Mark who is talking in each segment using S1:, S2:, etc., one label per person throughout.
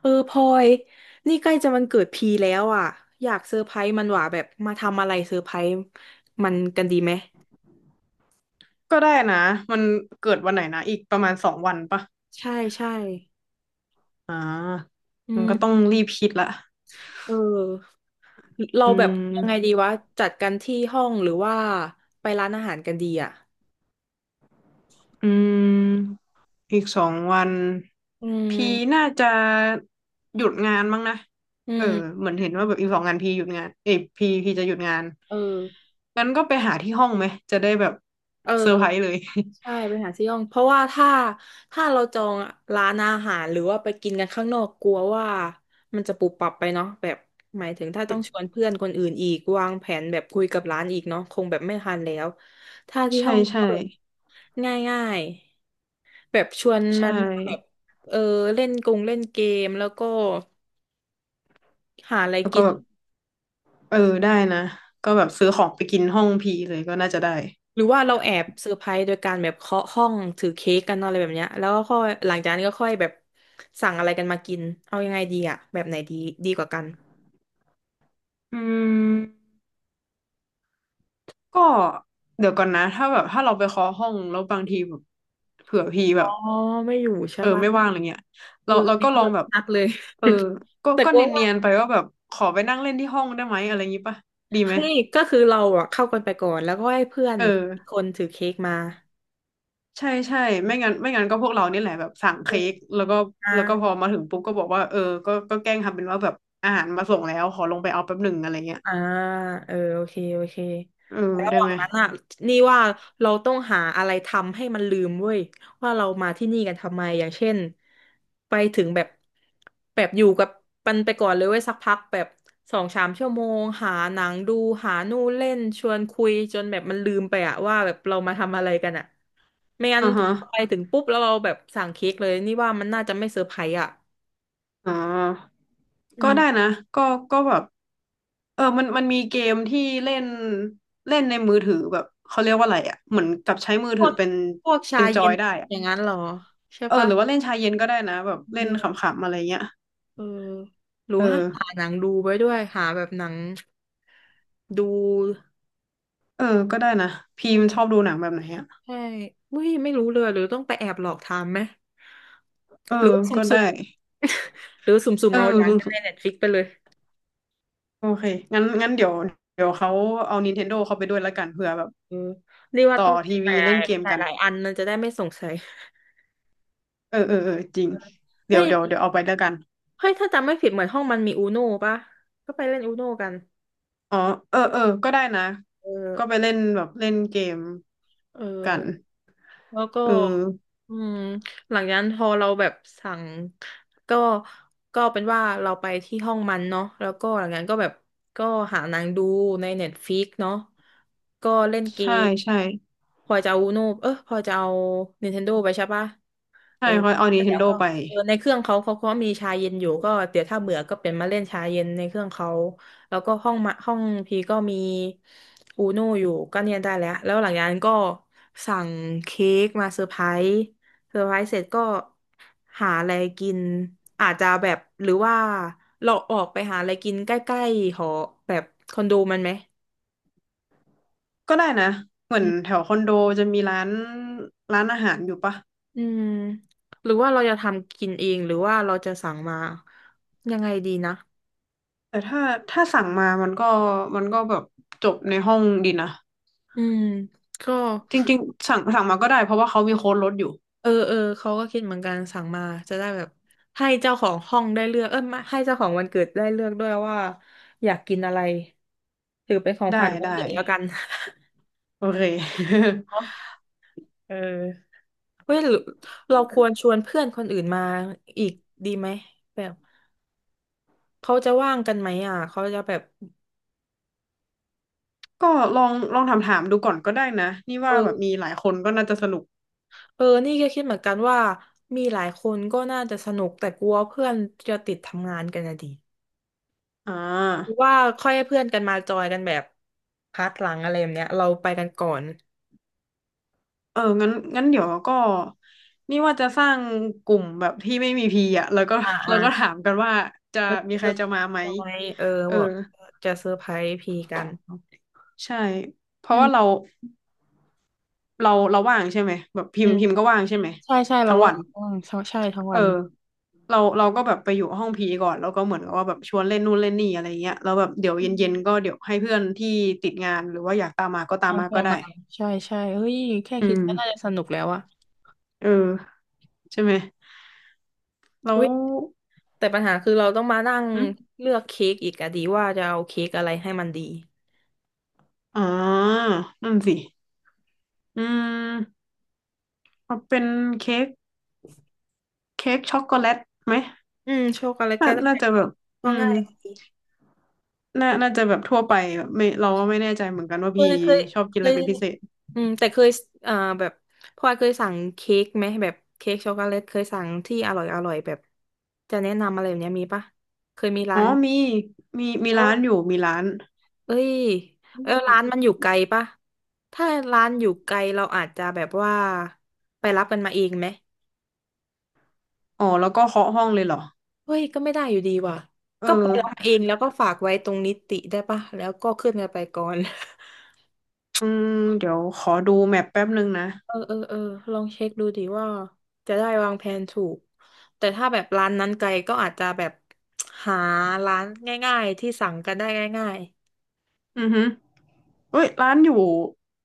S1: พลอยนี่ใกล้จะวันเกิดพีแล้วอ่ะอยากเซอร์ไพรส์มันหว่าแบบมาทำอะไรเซอร์ไพรส์มันกันดีไหม
S2: ก็ได้นะมันเกิดวันไหนนะอีกประมาณสองวันปะ
S1: ใช่ใช่
S2: อ่า
S1: อื
S2: มันก็ต้อง
S1: ม
S2: รีบคิดละ
S1: เออเรา
S2: อื
S1: แบบยังไง
S2: ม
S1: ดีวะจัดกันที่ห้องหรือว่าไปร้านอาหารกันดีอ่ะ
S2: อืมอีกสองวัน
S1: อื
S2: พี
S1: ม
S2: น่าจะหยุดงานมั้งนะ
S1: อื
S2: เออ
S1: ม
S2: เหมือนเห็นว่าแบบอีกสองงานพีหยุดงาน เอยพีจะหยุดงาน
S1: เออ
S2: งั้นก็ไปหาที่ห้องไหมจะได้แบบ
S1: เออ
S2: เซอร์ไพรส์เลย
S1: ใช่ไปหาซี่ห้องเพราะว่าถ้าเราจองร้านอาหารหรือว่าไปกินกันข้างนอกกลัวว่ามันจะปุบปับไปเนาะแบบหมายถึงถ้าต้องชวนเพื่อนคนอื่นอีกวางแผนแบบคุยกับร้านอีกเนาะคงแบบไม่ทันแล้วถ้า ที่
S2: ใช่
S1: ห้อง
S2: ใช่
S1: ก็แบบง่ายๆแบบชวนมั
S2: ใช่
S1: นแบบเออเล่นกงเล่นเกมแล้วก็หาอะไร
S2: แล้วก็
S1: กิน
S2: แบบเออได้นะก็แบบซื้อของไปกินห้องพีเลยก็น่าจะได้
S1: หรือว่าเราแอบเซอร์ไพรส์โดยการแบบเคาะห้องถือเค้กกันอะไรแบบเนี้ยแล้วก็ค่อยหลังจากนั้นก็ค่อยแบบสั่งอะไรกันมากินเอายังไงดีอะแบบไหนดีดีกว่ากัน
S2: อืม ก็เดี๋ยวก่อนนะถ้าแบบถ้าเราไปเคาะห้องแล้วบางทีแบบเผื่อพี่
S1: อ๋
S2: แบ
S1: อ
S2: บ
S1: ไม่อยู่ใช่
S2: เออ
S1: ปะ
S2: ไม่ว่างอะไรเงี้ยเรา
S1: คือ
S2: เรา
S1: นี่
S2: ก็
S1: เรา
S2: ลองแบบ
S1: นัดเลย
S2: เออก็
S1: แต่
S2: ก็
S1: กลัวว่า
S2: เนียนๆไปว่าแบบขอไปนั่งเล่นที่ห้องได้ไหมอะไรอย่างงี้ปะดีไหม
S1: เฮ้ยก็คือเราอะเข้ากันไปก่อนแล้วก็ให้เพื่อน
S2: เออ
S1: อีกคนถือเค้กมา
S2: ใช่ใช่ไม่งั้นไม่งั้นก็พวกเรานี่แหละแบบสั่ง
S1: อื
S2: เค้
S1: ม
S2: กแล้วก็
S1: อ่า
S2: แล้วก็พอมาถึงปุ๊บก็บอกว่าก็แกล้งทำเป็นว่าแบบอาหารมาส่งแล้วขอลงไปเอาแป๊บหนึ่งอะไรเงี้ย
S1: อ่าโอเคโอเค
S2: อ
S1: ระ
S2: ได้
S1: หว่า
S2: ไหม
S1: งนั้นอ่ะนี่ว่าเราต้องหาอะไรทำให้มันลืมเว้ยว่าเรามาที่นี่กันทำไมอย่างเช่นไปถึงแบบแบบอยู่กับมันไปก่อนเลยเว้ยสักพักแบบสองสามชั่วโมงหาหนังดูหานู่นเล่นชวนคุยจนแบบมันลืมไปอ่ะว่าแบบเรามาทำอะไรกันอ่ะไม่งั้น
S2: อ่า
S1: ถ้า
S2: ฮะ
S1: เราไปถึงปุ๊บแล้วเราแบบสั่งเค้กเลยนี่ว่ามันน่าจะไม่เซอร์ไพรส์อ่ะ
S2: อ๋อ
S1: อื
S2: ก็ได้
S1: ม
S2: นะก็ก็แบบมันมีเกมที่เล่นเล่นในมือถือแบบเขาเรียกว่าอะไรอ่ะเหมือนกับใช้มือ
S1: พ
S2: ถื
S1: ว
S2: อ
S1: ก
S2: เป็น
S1: พวกชา
S2: เป็นจอ
S1: เย็น
S2: ยได้อ่ะ
S1: อย่างนั้นเหรอใช่ปะ
S2: หรือว่าเล่นชายเย็นก็ได้นะแบบเล่นขำๆอะไรเงี้ย
S1: เออหรือ
S2: เอ
S1: ว่า
S2: อ
S1: หาหนังดูไว้ด้วยหาแบบหนังดู
S2: เออก็ได้นะพี
S1: เอ
S2: ม
S1: อ
S2: ชอบดูหนังแบบไหนอ่ะ
S1: ใช่เฮ้ยไม่รู้เลยหรือต้องไปแอบหลอกทำไหม
S2: เออ
S1: หรือว่าสุ
S2: ก็
S1: ่
S2: ได้
S1: มๆ หรือสุ่มๆ
S2: เอ
S1: เอาอย่างใน
S2: อ
S1: เน็ตฟิกไปเลย
S2: โอเคงั้นงั้นเดี๋ยวเดี๋ยวเขาเอา Nintendo เขาไปด้วยแล้วกันเผื่อแบบ
S1: เออนี่ว่า
S2: ต่
S1: ต้
S2: อ
S1: องเป็
S2: ที
S1: น
S2: วีเล่นเกม
S1: หลาย
S2: กัน
S1: หลายๆอันมันจะได้ไม่สงสัย
S2: เออจริง
S1: เออ
S2: เดี๋
S1: เฮ้
S2: ยว
S1: ย
S2: เดี๋ยวเดี๋ยวเอาไปแล้วกัน
S1: เฮ้ยถ้าจำไม่ผิดเหมือนห้องมันมีอูโน่ปะก็ไปเล่นอูโน่กัน
S2: อ๋อเออก็ได้นะ
S1: เออ
S2: ก็ไปเล่นแบบเล่นเกม
S1: เออ
S2: กัน
S1: แล้วก็
S2: เออ
S1: อืมหลังจากนั้นพอเราแบบสั่งก็ก็เป็นว่าเราไปที่ห้องมันเนาะแล้วก็หลังจากนั้นก็แบบก็หาหนางดูในเน็ตฟิกเนาะก็เล่นเก
S2: ใช่
S1: ม
S2: ใช่
S1: พลอยจะเอาอูโนอพลอยจะเอา Nintendo ไปใช่ปะ เอ
S2: ใช่
S1: อ
S2: เขาเอา
S1: แล้วเดี๋ยว
S2: Nintendo
S1: ก็
S2: ไป
S1: เออในเครื่องเขาก็มีชาเย็นอยู่ก็เดี๋ยวถ้าเบื่อก็เป็นมาเล่นชาเย็นในเครื่องเขาแล้วก็ห้องมาห้องพีก็มีอูนูอยู่ก็เนี่ยได้แล้วแล้วหลังจากนั้นก็สั่งเค้กมาเซอร์ไพรส์เซอร์ไพรส์เสร็จก็หาอะไรกินอาจจะแบบหรือว่าเราออกไปหาอะไรกินใกล้ๆหอแบบคอนโดมันไหม
S2: ก็ได้นะเหมือ
S1: อื
S2: น
S1: ม
S2: แถวคอนโดจะมีร้านร้านอาหารอยู่ปะ
S1: อืมหรือว่าเราจะทำกินเองหรือว่าเราจะสั่งมายังไงดีนะ
S2: แต่ถ้าถ้าสั่งมามันก็แบบจบในห้องดีนะ
S1: อืมก็
S2: จริงๆสั่งมาก็ได้เพราะว่าเขามีโค้ดลดอยู่
S1: เออเออเขาก็คิดเหมือนกันสั่งมาจะได้แบบให้เจ้าของห้องได้เลือกไม่ให้เจ้าของวันเกิดได้เลือกด้วยว่าอยากกินอะไรถือเป็นของ
S2: ได้
S1: ฝันวัน
S2: ได้
S1: เกิดแล้วกัน
S2: โอเค
S1: เนาะเออเฮ้ยหรือเราควรชวนเพื่อนคนอื่นมาอีกดีไหมแบบเขาจะว่างกันไหมอ่ะเขาจะแบบ
S2: ก็ลองถามถามดูก่อนก็ได้นะนี่
S1: เอ
S2: ว่าแบบมี
S1: อ
S2: หลายคนก็น่าจะสนุก
S1: นี่ก็คิดเหมือนกันว่ามีหลายคนก็น่าจะสนุกแต่กลัวเพื่อนจะติดทำงานกันนะดิ
S2: อ่
S1: หรือ
S2: า
S1: ว่าค่อยให้เพื่อนกันมาจอยกันแบบพาร์ทหลังอะไรแบบเนี้ยเราไปกันก่อน
S2: เอองั้นงั้นเดี๋ยวก็นี่ว่าจะสร้างกลุ่มแบบที่ไม่มีพีอ่ะแล้วก็
S1: อ่า อ่า
S2: แล้วก็ถามกันว่าจะ
S1: เออ
S2: มี
S1: เอ
S2: ใคร
S1: อ
S2: จะมาไหม
S1: ทำไมเออ
S2: เออ
S1: บอกจะเซอร์ไพรส์พีกัน
S2: ใช่เพ
S1: อื
S2: ราะว่าเรา
S1: ม
S2: เราเราว่างใช่ไหมแบบพิ
S1: อื
S2: มพ์
S1: ม
S2: พิมพ์ก็ว่างใช่ไหม
S1: ใช่ใช่เรา
S2: ทั้ง
S1: ว่า
S2: วัน
S1: อืมใช่ใช่ทั้งวั
S2: อ
S1: น
S2: เราเราก็แบบไปอยู่ห้องพีก่อนแล้วก็เหมือนกับว่าแบบชวนเล่นนู่นเล่นนี่อะไรเงี้ยแล้วแบบเดี๋ยว
S1: อืม
S2: เย็นๆก็เดี๋ยวให้เพื่อนที่ติดงานหรือว่าอยากตามมาก็ตาม
S1: เอา
S2: มา
S1: เพื่อ
S2: ก็
S1: น
S2: ได้
S1: มาใช่ใช่เฮ้ยแค่
S2: อื
S1: คิด
S2: ม
S1: ก็น่าจะสนุกแล้วอะ
S2: เออใช่ไหมแล้ว
S1: อุ๊ยแต่ปัญหาคือเราต้องมานั่ง
S2: หึ
S1: เลือกเค้กอีกอะดีว่าจะเอาเค้กอะไรให้มันดี
S2: อ่านั่นสิอืมเอาเป็นเค้กเค้กช็อกโกแลตไหม
S1: อืมโชคอะไร
S2: น่า
S1: ก็ได้
S2: น่าจะแบ
S1: ก็
S2: บ
S1: ก็
S2: อืม
S1: ง่ายดี
S2: น่าน่าจะแบบทั่วไปแบบไม่เราก็ไม่แน่ใจเหมือนกันว่า
S1: เค
S2: พี่
S1: ยเคย
S2: ชอบกิน
S1: เค
S2: อะไร
S1: ย
S2: เป็นพิเศษ
S1: อืมแต่เคยเอ่อแบบพลอยเคยสั่งเค้กไหมแบบเค้กช็อกโกแลตเคยสั่งที่อร่อยอร่อยแบบจะแนะนำอะไรแบบเนี้ยมีปะเคยมี
S2: อ๋
S1: ร้า
S2: อ
S1: น
S2: มีมี
S1: เออ
S2: ร้านอยู่มีร้าน
S1: เอ้ยเออร้าน
S2: อ
S1: มันอยู่ไกลปะถ้าร้านอยู่ไกลเราอาจจะแบบว่าไปรับกันมาเองไหม
S2: ๋อแล้วก็เคาะห้องเลยเหรอ
S1: เฮ้ยก็ไม่ได้อยู่ดีว่ะ
S2: เออ
S1: ก็ไปรับมาเองแล้วก็ฝากไว้ตรงนิติได้ปะแล้วก็ขึ้นกันไปก่อน
S2: อืมเดี๋ยวขอดูแมปแป๊บนึงนะ
S1: เออเออเออลองเช็คดูดิว่าจะได้วางแผนถูกแต่ถ้าแบบร้านนั้นไกลก็อาจจะแบบหาร้านง่ายๆที่สั่งกันได้ง่าย
S2: อือฮึเอ้ยร้านอยู่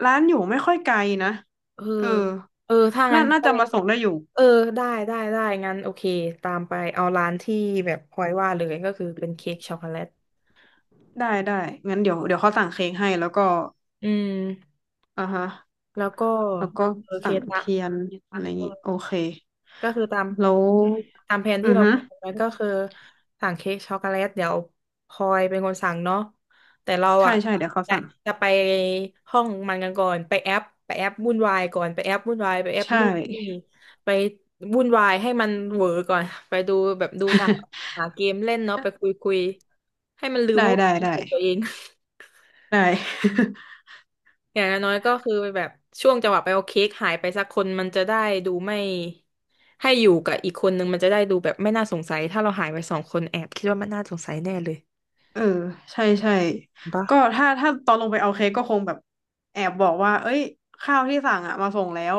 S2: ร้านอยู่ไม่ค่อยไกลนะ
S1: ๆเออ
S2: เออ
S1: เออถ้างั้
S2: น่า
S1: น
S2: น่า
S1: แส
S2: จะ
S1: ดง
S2: มา
S1: ว่า
S2: ส่งได้อยู่
S1: เออได้ได้ได้งั้นโอเคตามไปเอาร้านที่แบบพลอยว่าเลยก็คือเป็นเค้กช็อกโกแลต
S2: ได้ได้งั้นเดี๋ยวเขาสั่งเค้กให้แล้วก็
S1: อืม
S2: อ่าฮะ
S1: แล้วก็
S2: แล้วก็
S1: โอเค
S2: สั่ง
S1: ละ
S2: เทียนอะไรอย่างนี้โอเค
S1: ก็คือตาม
S2: แล้ว
S1: ตามแผนที่
S2: อือ
S1: เรา
S2: ฮึ
S1: คุยกันไว้ก็คือสั่งเค้กช็อกโกแลตเดี๋ยวพลอยเป็นคนสั่งเนาะแต่เรา
S2: ใช่
S1: อ่ะ
S2: ใช่เดี๋ยวเขา
S1: จะ
S2: สั่ง
S1: จะไปห้องมันกันก่อนไปแอปไปแอปวุ่นวายก่อนไปแอปวุ่นวายไปแอป
S2: ใช
S1: นู่นนี่
S2: ่
S1: ไปวุ่นวายให้มันเหวอก่อนไปดูแบบดูหนัง หาเกมเล่นเนาะไปคุยให้มันลืม
S2: ได้
S1: ว่า
S2: ได้
S1: เป็น
S2: ได้
S1: ตัวเอง
S2: ได้
S1: อย่างน้อยก็คือแบบช่วงจังหวะไปเอาเค้กหายไปสักคนมันจะได้ดูไม่ให้อยู่กับอีกคนนึงมันจะได้ดูแบบไม่น่าสงสัยถ้าเราหายไปสองคนแอบคิดว่ามันน่าสงสัยแน่เลย
S2: เออใช่ใช่
S1: ถูกปะ
S2: ก็ถ้าตอนลงไปเอาเค้กก็คงแบบแอบบอกว่าเอ้ยข้าวที่สั่งอ่ะมาส่งแล้ว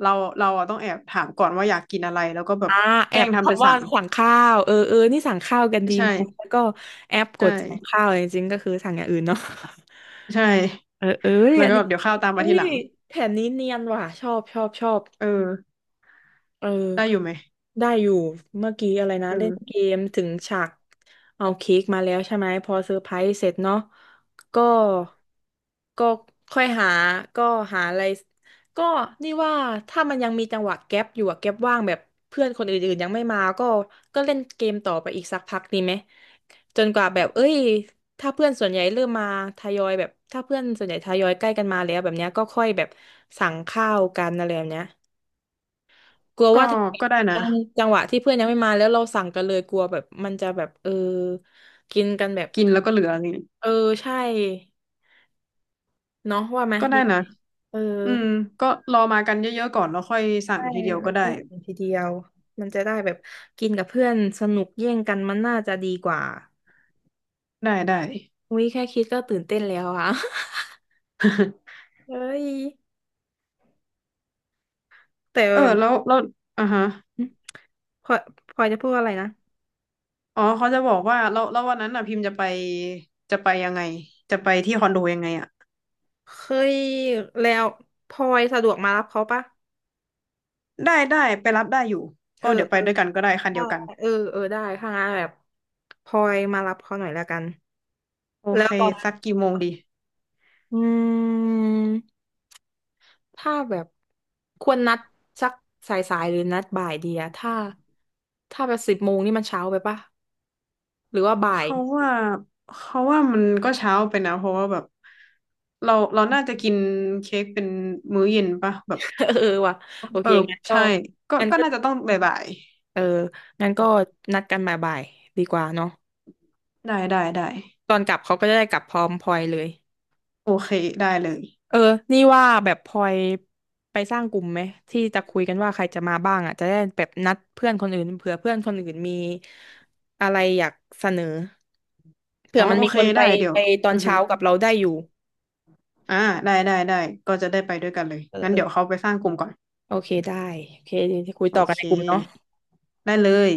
S2: เราเราอะต้องแอบถามก่อนว่าอยากกินอะไรแล้วก็แบบ
S1: อ่าแอ
S2: แกล้
S1: บ
S2: งทำเป็น
S1: คำว่า
S2: สั่ง
S1: สั่งข้าวเออเออนี่สั่งข้าวกันดี
S2: ใช่
S1: ไหมแล้วก็แอปก
S2: ใช่
S1: ดสั่งข้าวจริงๆก็คือสั่งอย่างอื่นเนาะ
S2: ใช่
S1: เออเออ
S2: แล้ว
S1: อัน
S2: ก็
S1: นี้
S2: เดี๋ยวข้าวตามมา
S1: อุ้
S2: ทีห
S1: ย
S2: ลัง
S1: แผนนี้เนียนว่ะชอบชอบชอบ
S2: เออ
S1: เออ
S2: ได้อยู่ไหม
S1: ได้อยู่เมื่อกี้อะไรนะ
S2: เอ
S1: เล่น
S2: อ
S1: เกมถึงฉากเอาเค้กมาแล้วใช่ไหมพอเซอร์ไพรส์เสร็จเนาะก็ก็ค่อยหาก็หาอะไรก็นี่ว่าถ้ามันยังมีจังหวะแก๊ปอยู่อะแก๊ปว่างแบบเพื่อนคนอื่นๆยังไม่มาก็เล่นเกมต่อไปอีกสักพักดีไหมจนกว่าแบบเอ้ยถ้าเพื่อนส่วนใหญ่เริ่มมาทยอยแบบถ้าเพื่อนส่วนใหญ่ทยอยใกล้กันมาแล้วแบบเนี้ยก็ค่อยแบบสั่งข้าวกันอะไรแบบเนี้ย กลัว
S2: ก็
S1: ว่าถ้า
S2: ก็ได้นะ
S1: จังจังหวะที่เพื่อนยังไม่มาแล้วเราสั่งกันเลยกลัวแบบมันจะแบบเออกินกันแบบ
S2: กินแล้วก็เหลือนี่
S1: เออใช่เนาะว่าไหม
S2: ก็
S1: ดี
S2: ได้นะ
S1: เออ
S2: อืมก็รอมากันเยอะๆก่อนแล้วค่อยสั่ง
S1: ใช่
S2: ทีเดียว
S1: แล้
S2: ก็
S1: วก็
S2: ได้
S1: สั่งทีเดียวมันจะได้แบบกินกับเพื่อนสนุกแย่งกันมันน่าจะดีกว่า
S2: ได้ได้
S1: อุ้ยแค่คิดก็ตื่นเต้นแล้วอะ เฮ้ยแต่
S2: เออแล้วแล้วอ่ะฮะ
S1: พลอยพลอยจะพูดอะไรนะ
S2: อ๋อเขาจะบอกว่าแล้วแล้ววันนั้นอ่ะพิมพ์จะไปจะไปยังไงจะไปที่คอนโดยังไงอ่ะ
S1: เคยแล้วพลอยสะดวกมารับเขาปะ
S2: ได้ได้ไปรับได้อยู่
S1: เอ
S2: ก็
S1: อ
S2: เดี๋ยวไปด้วยกันก็ได้คัน
S1: ได้
S2: เดียวกัน
S1: เออเออได้ถ้างั้นแบบพลอยมารับเขาหน่อยแล้วกัน
S2: โอ
S1: แล้
S2: เค
S1: วตอน
S2: สักกี่โมงดี
S1: อืมถ้าแบบควรนัดสักสายๆหรือนัดบ่ายดีอะถ้าแบบ10 โมงนี่มันเช้าไปปะหรือว่าบ่าย
S2: เขาว่าเขาว่ามันก็เช้าไปนะ เพราะว่าแบบ เราน่าจะ กินเค้กเป็นมื้อเย็นปะแบบ
S1: เออว่ะโอ
S2: เอ
S1: เค
S2: อ
S1: งั้นก็
S2: ใช่ก็
S1: งั้น
S2: ก็
S1: ก็
S2: น่าจะต้องบ่าย
S1: เอองั้นก็นัดกันบ่ายๆดีกว่าเนาะ
S2: ๆได้ได้ได้
S1: ตอนกลับเขาก็จะได้กลับพร้อมพลอยเลย
S2: โอเคได้เลย
S1: เออนี่ว่าแบบพลอยไปสร้างกลุ่มไหมที่จะคุยกันว่าใครจะมาบ้างอ่ะจะได้แบบนัดเพื่อนคนอื่นเผื่อเพื่อนคนอื่นมีอะไรอยากเสนอเผื่
S2: อ๋อ
S1: อมัน
S2: โอ
S1: มี
S2: เค
S1: คนไป
S2: ได้เดี๋ยว
S1: ไปตอ
S2: อื
S1: น
S2: อฮึ
S1: เช้ากับเราได้อยู่
S2: อ่าได้ได้ได้ก็จะได้ไปด้วยกันเลย
S1: เออ
S2: งั้น
S1: เออ
S2: เดี๋ยวเขาไปสร้างกลุ่มก่อน
S1: โอเคได้โอเคเดี๋ยวจะคุย
S2: โอ
S1: ต่อกัน
S2: เ
S1: ในกลุ่มเนาะ
S2: คได้เลย